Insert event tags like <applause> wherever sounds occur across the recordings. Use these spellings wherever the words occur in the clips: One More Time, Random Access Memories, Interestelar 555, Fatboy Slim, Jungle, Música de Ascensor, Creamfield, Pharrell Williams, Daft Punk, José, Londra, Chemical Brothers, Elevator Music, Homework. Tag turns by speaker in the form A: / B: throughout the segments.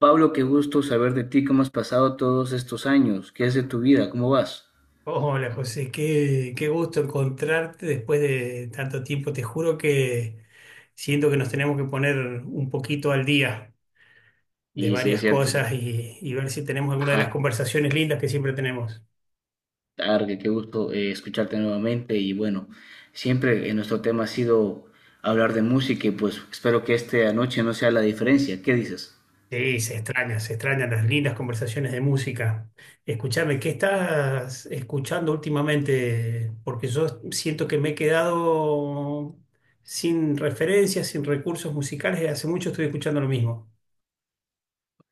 A: Pablo, qué gusto saber de ti. ¿Cómo has pasado todos estos años? ¿Qué es de tu vida? ¿Cómo vas?
B: Hola José, qué gusto encontrarte después de tanto tiempo. Te juro que siento que nos tenemos que poner un poquito al día de
A: Y sí, es
B: varias
A: cierto,
B: cosas y ver si tenemos alguna de las
A: ajá.
B: conversaciones lindas que siempre tenemos.
A: Targue, qué gusto escucharte nuevamente. Y bueno, siempre nuestro tema ha sido hablar de música y pues espero que esta noche no sea la diferencia. ¿Qué dices?
B: Sí, se extrañan las lindas conversaciones de música. Escúchame, ¿qué estás escuchando últimamente? Porque yo siento que me he quedado sin referencias, sin recursos musicales y hace mucho estoy escuchando lo mismo.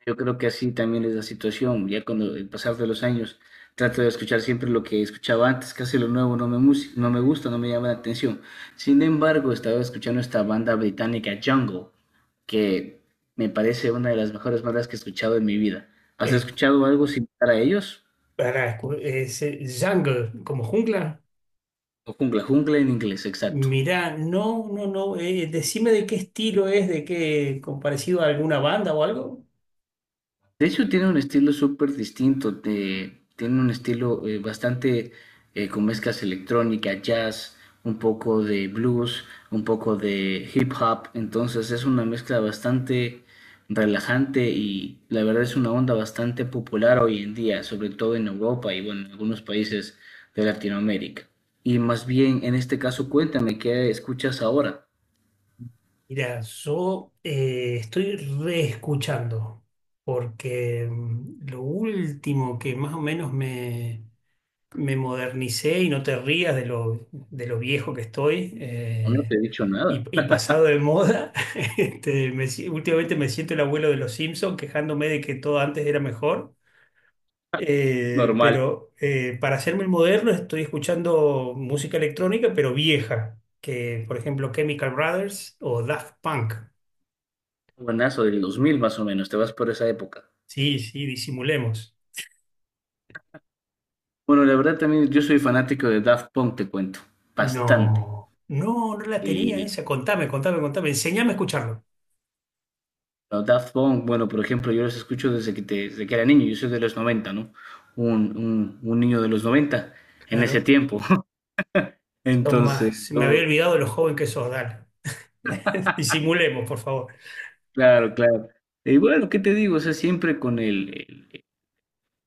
A: Yo creo que así también es la situación. Ya con el pasar de los años trato de escuchar siempre lo que escuchaba antes. Casi lo nuevo no me, no me gusta, no me llama la atención. Sin embargo, estaba escuchando esta banda británica Jungle, que me parece una de las mejores bandas que he escuchado en mi vida. ¿Has escuchado algo similar a ellos?
B: Para, jungle, como jungla.
A: O Jungla, Jungla en inglés, exacto.
B: Mirá, no, no, no. Decime de qué estilo es, de qué, con parecido a alguna banda o algo.
A: De hecho, tiene un estilo súper distinto. Tiene un estilo bastante con mezclas electrónica, jazz, un poco de blues, un poco de hip hop. Entonces es una mezcla bastante relajante y la verdad es una onda bastante popular hoy en día, sobre todo en Europa y bueno, en algunos países de Latinoamérica. Y más bien, en este caso, cuéntame qué escuchas ahora.
B: Mira, yo estoy reescuchando, porque lo último que más o menos me modernicé, y no te rías de lo viejo que estoy,
A: No te he dicho nada.
B: y
A: <laughs>
B: pasado de moda, <laughs> este, me si- últimamente me siento el abuelo de los Simpsons quejándome de que todo antes era mejor.
A: Normal.
B: Para hacerme el moderno estoy escuchando música electrónica, pero vieja, que por ejemplo Chemical Brothers o Daft Punk.
A: Buenazo del 2000 más o menos. Te vas por esa época.
B: Sí, sí, disimulemos.
A: Bueno, la verdad también yo soy fanático de Daft Punk, te cuento, bastante.
B: No, no, no la tenía
A: Y
B: esa. Contame, contame, contame. Enseñame a escucharlo.
A: los Daft Punk, bueno, por ejemplo, yo los escucho desde desde que era niño. Yo soy de los 90, ¿no? Un niño de los 90 en ese
B: Claro,
A: tiempo. <laughs>
B: sos
A: Entonces,
B: más. Me
A: yo,
B: había olvidado de lo joven que sos, dale. <laughs> Disimulemos, por favor.
A: claro, claro. Y bueno, ¿qué te digo? O sea, siempre con el-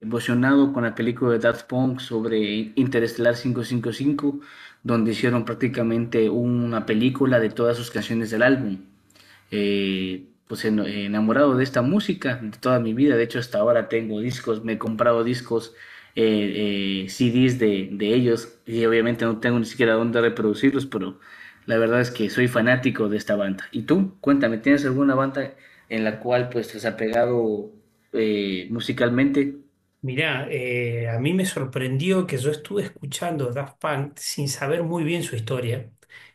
A: emocionado con la película de Daft Punk sobre Interestelar 555, donde hicieron prácticamente una película de todas sus canciones del álbum. Pues enamorado de esta música de toda mi vida. De hecho, hasta ahora tengo discos, me he comprado discos, CDs de ellos y obviamente no tengo ni siquiera dónde reproducirlos, pero la verdad es que soy fanático de esta banda. ¿Y tú? Cuéntame, ¿tienes alguna banda en la cual pues te has apegado musicalmente?
B: Mirá, a mí me sorprendió que yo estuve escuchando Daft Punk sin saber muy bien su historia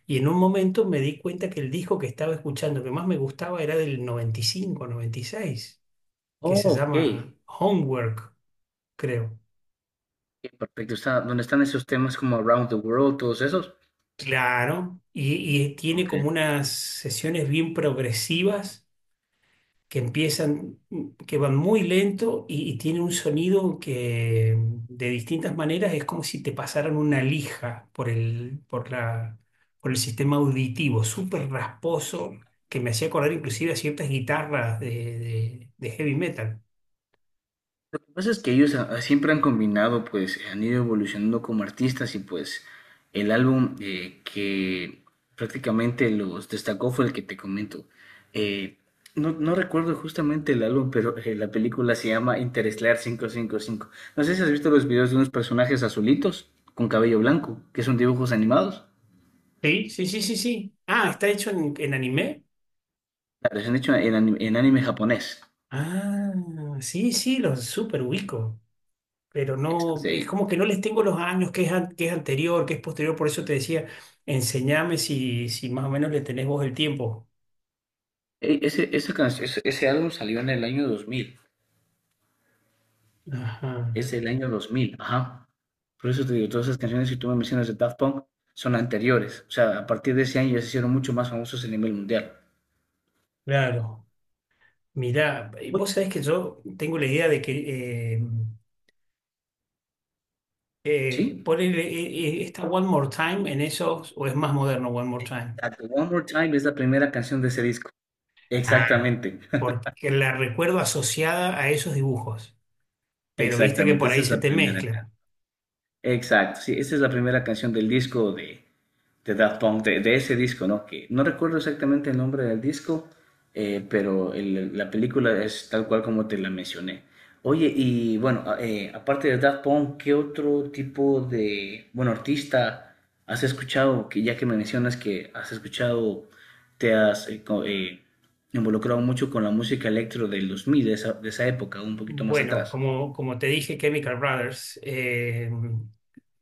B: y en un momento me di cuenta que el disco que estaba escuchando que más me gustaba era del 1995, 1996 que
A: Oh,
B: se
A: ok.
B: llama Homework, creo.
A: Ok, perfecto. Está, ¿dónde están esos temas como Around the World, todos esos?
B: Claro, y tiene
A: Ok.
B: como unas sesiones bien progresivas que empiezan, que van muy lento y tienen un sonido que de distintas maneras es como si te pasaran una lija por el, por la, por el sistema auditivo, súper rasposo, que me hacía acordar inclusive a ciertas guitarras de, de heavy metal.
A: Lo que pasa es que ellos ah, siempre han combinado, pues han ido evolucionando como artistas y pues el álbum que prácticamente los destacó fue el que te comento. Eh, no, no recuerdo justamente el álbum, pero la película se llama Interestelar quinientos cincuenta y cinco. No sé si has visto los videos de unos personajes azulitos con cabello blanco, que son dibujos animados.
B: Sí, sí, sí, sí, sí. Ah, está hecho en anime.
A: Claro, se han hecho en, en anime japonés.
B: Ah, sí, sí, los súper pero
A: Esto es
B: no,
A: de
B: es
A: ahí.
B: como que no les tengo los años, que es, qué es anterior, que es posterior, por eso te decía, enséñame si, si más o menos le tenés vos el tiempo.
A: Ese, esa can- Ese álbum salió en el año 2000.
B: Ajá,
A: Es del año dos mil, ajá. Por eso te digo, todas esas canciones que tú me mencionas de Daft Punk son anteriores. O sea, a partir de ese año ya se hicieron mucho más famosos a nivel mundial.
B: claro. Mirá, eh,
A: Uy,
B: vos sabés que yo tengo la idea de que
A: ¿sí?
B: poner esta One More Time en esos, o es más moderno One More Time.
A: Exacto. One More Time es la primera canción de ese disco.
B: Ah,
A: Exactamente.
B: porque la recuerdo asociada a esos dibujos,
A: <laughs>
B: pero viste que
A: Exactamente,
B: por
A: esa
B: ahí
A: es
B: se
A: la
B: te
A: primera canción.
B: mezcla.
A: Exacto, sí, esa es la primera canción del disco de Daft Punk, de ese disco, ¿no? Que no recuerdo exactamente el nombre del disco, pero la película es tal cual como te la mencioné. Oye, y bueno, aparte de Daft Punk, ¿qué otro tipo de, bueno, artista has escuchado? Que ya que me mencionas que has escuchado, te has involucrado mucho con la música electro del dos mil, de esa época, un poquito más
B: Bueno,
A: atrás.
B: como, como te dije, Chemical Brothers, eh,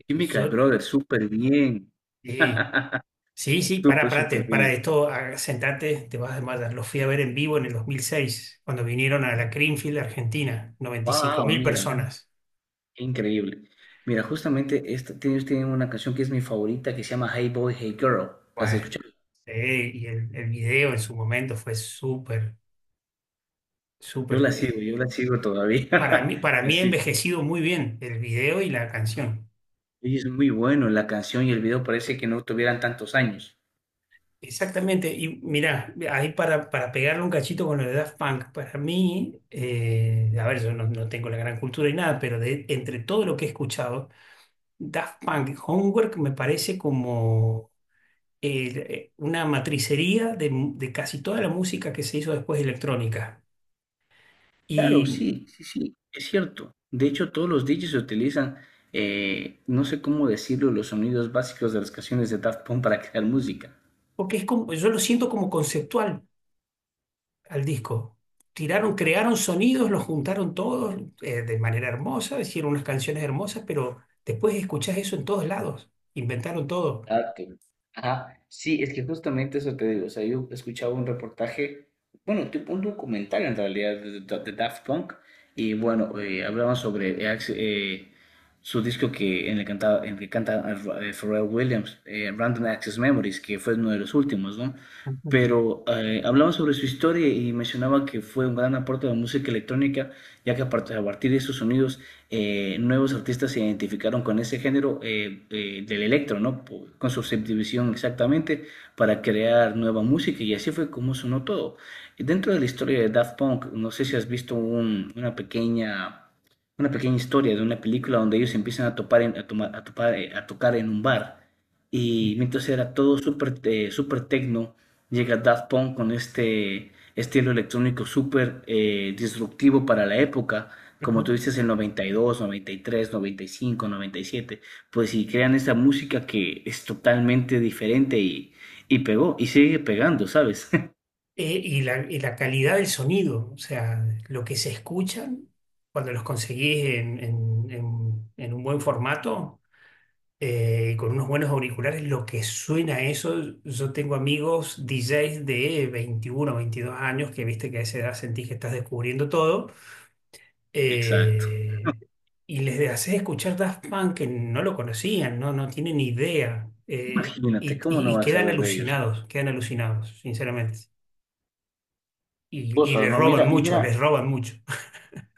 A: Chemical
B: yo
A: Brothers, súper bien.
B: sí,
A: <laughs>
B: sí, sí,
A: Súper,
B: para,
A: súper
B: para
A: bien.
B: esto, ah, sentate, te vas a desmayar. Los fui a ver en vivo en el 2006 cuando vinieron a la Creamfield, Argentina, noventa y cinco
A: Wow,
B: mil
A: mira.
B: personas.
A: Increíble. Mira, justamente esta, ellos tienen una canción que es mi favorita que se llama Hey Boy, Hey Girl. ¿Las has
B: Bueno,
A: escuchado?
B: sí, y el video en su momento fue súper, súper,
A: Yo la sigo todavía. <laughs>
B: para mí ha
A: Así.
B: envejecido muy bien el video y la canción.
A: Y es muy bueno la canción y el video parece que no tuvieran tantos años.
B: Exactamente, y mirá, ahí para pegarle un cachito con lo de Daft Punk, para mí, a ver, yo no, no tengo la gran cultura y nada, pero de, entre todo lo que he escuchado, Daft Punk Homework me parece como una matricería de, de casi toda la música que se hizo después electrónica.
A: Claro,
B: Y
A: sí, sí, sí, es cierto. De hecho, todos los DJs utilizan, no sé cómo decirlo, los sonidos básicos de las canciones de Daft Punk para <laughs> crear música.
B: porque es como, yo lo siento como conceptual al disco. Tiraron, crearon sonidos, los juntaron todos de manera hermosa, hicieron unas canciones hermosas, pero después escuchás eso en todos lados. Inventaron todo.
A: Exacto. Ajá, sí, es que justamente eso te digo. O sea, yo escuchaba un reportaje, bueno, tipo un documental en realidad de, de Daft Punk, y bueno, hablaban sobre su disco que en el, cantaba, en el que canta Pharrell Williams, Random Access Memories, que fue uno de los últimos, ¿no? Pero hablaba sobre su historia y mencionaba que fue un gran aporte a la música electrónica, ya que a partir de esos sonidos nuevos artistas se identificaron con ese género del electro, ¿no? Con su subdivisión exactamente para crear nueva música y así fue como sonó todo. Y dentro de la historia de Daft Punk, no sé si has visto una pequeña historia de una película donde ellos empiezan a topar en- a tomar- a topar, a tocar en un bar y mientras era todo súper súper tecno, llega Daft Punk con este estilo electrónico súper disruptivo para la época, como
B: Ujú.
A: tú dices, el 92, 93, 95, 97. Pues si crean esa música que es totalmente diferente y pegó, y sigue pegando, ¿sabes? <laughs>
B: Y la, y la calidad del sonido, o sea, lo que se escuchan cuando los conseguís en, en un buen formato y con unos buenos auriculares, lo que suena eso, yo tengo amigos DJs de 21, 22 años que viste que a esa edad sentís que estás descubriendo todo
A: Exacto.
B: eh, y les haces escuchar Daft Punk que no lo conocían, no, no tienen idea
A: Imagínate, ¿cómo no
B: y
A: vas a ver de ellos
B: quedan alucinados, sinceramente y
A: cosas,
B: le
A: no?
B: roban
A: Mira,
B: mucho,
A: mira,
B: les roban mucho. <laughs>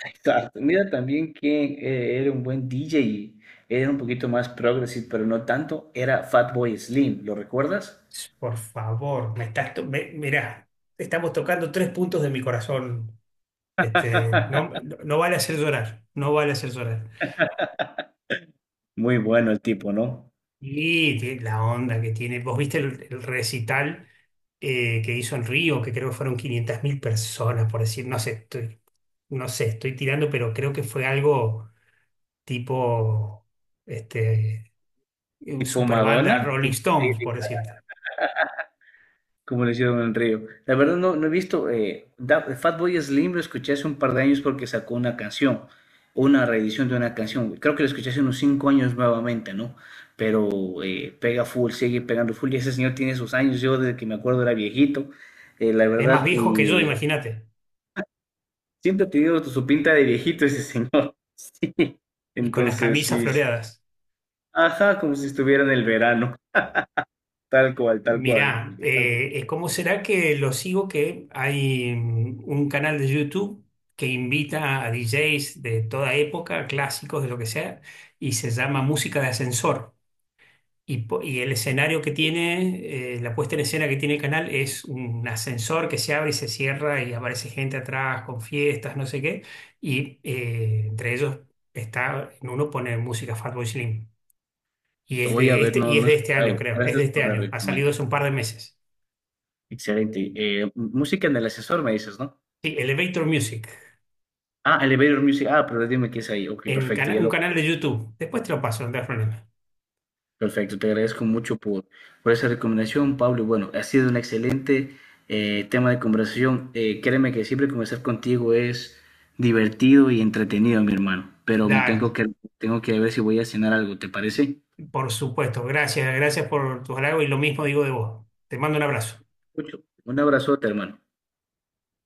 A: exacto. Mira también que era un buen DJ, era un poquito más progressive, pero no tanto, era Fatboy Slim, ¿lo recuerdas?
B: Por favor, me estás to- me- mirá, estamos tocando tres puntos de mi corazón. Este, no, no vale hacer llorar, no vale hacer llorar.
A: Muy bueno el tipo, ¿no?
B: Y tiene la onda que tiene. ¿Vos viste el recital que hizo en Río, que creo que fueron 500.000 personas, por decir, no sé, estoy, no sé, estoy tirando, pero creo que fue algo tipo este,
A: Tipo
B: super banda
A: Madonna,
B: Rolling
A: tipo
B: Stones,
A: Lady,
B: por decirte.
A: como lo hicieron en Río. La verdad no, no he visto, Fatboy Slim lo escuché hace un par de años porque sacó una canción, una reedición de una canción. Creo que lo escuché hace unos 5 años nuevamente, ¿no? Pero pega full, sigue pegando full y ese señor tiene sus años. Yo desde que me acuerdo era viejito, la
B: Es más
A: verdad,
B: viejo que yo,
A: y
B: imagínate.
A: siempre ha tenido su pinta de viejito ese señor. <laughs> Sí,
B: Y con las
A: entonces
B: camisas
A: sí, sí.
B: floreadas.
A: Ajá, como si estuviera en el verano, tal cual, tal cual,
B: Mirá,
A: tal cual.
B: ¿cómo será que lo sigo? Que hay un canal de YouTube que invita a DJs de toda época, clásicos de lo que sea, y se llama Música de Ascensor. Y, y el escenario que tiene, la puesta en escena que tiene el canal es un ascensor que se abre y se cierra y aparece gente atrás con fiestas, no sé qué. Y entre ellos está, en uno pone música Fatboy Slim. Y
A: Lo
B: es
A: voy a
B: de
A: ver,
B: este,
A: no,
B: y es
A: no he
B: de este año,
A: escuchado.
B: creo. Es
A: Gracias
B: de este
A: por la
B: año. Ha salido hace
A: recomendación.
B: un par de meses.
A: Excelente. Música en el ascensor, me dices, ¿no?
B: Sí, Elevator Music.
A: Ah, Elevator Music. Ah, pero dime qué es ahí. Ok, perfecto. Ya
B: Un
A: lo,
B: canal de YouTube. Después te lo paso, no te das problema.
A: perfecto. Te agradezco mucho por esa recomendación, Pablo. Y bueno, ha sido un excelente tema de conversación. Créeme que siempre conversar contigo es divertido y entretenido, mi hermano. Pero me
B: Dale,
A: tengo que ver si voy a cenar algo, ¿te parece?
B: por supuesto. Gracias, gracias por tus halagos y lo mismo digo de vos. Te mando un abrazo.
A: Mucho. Un abrazote, hermano.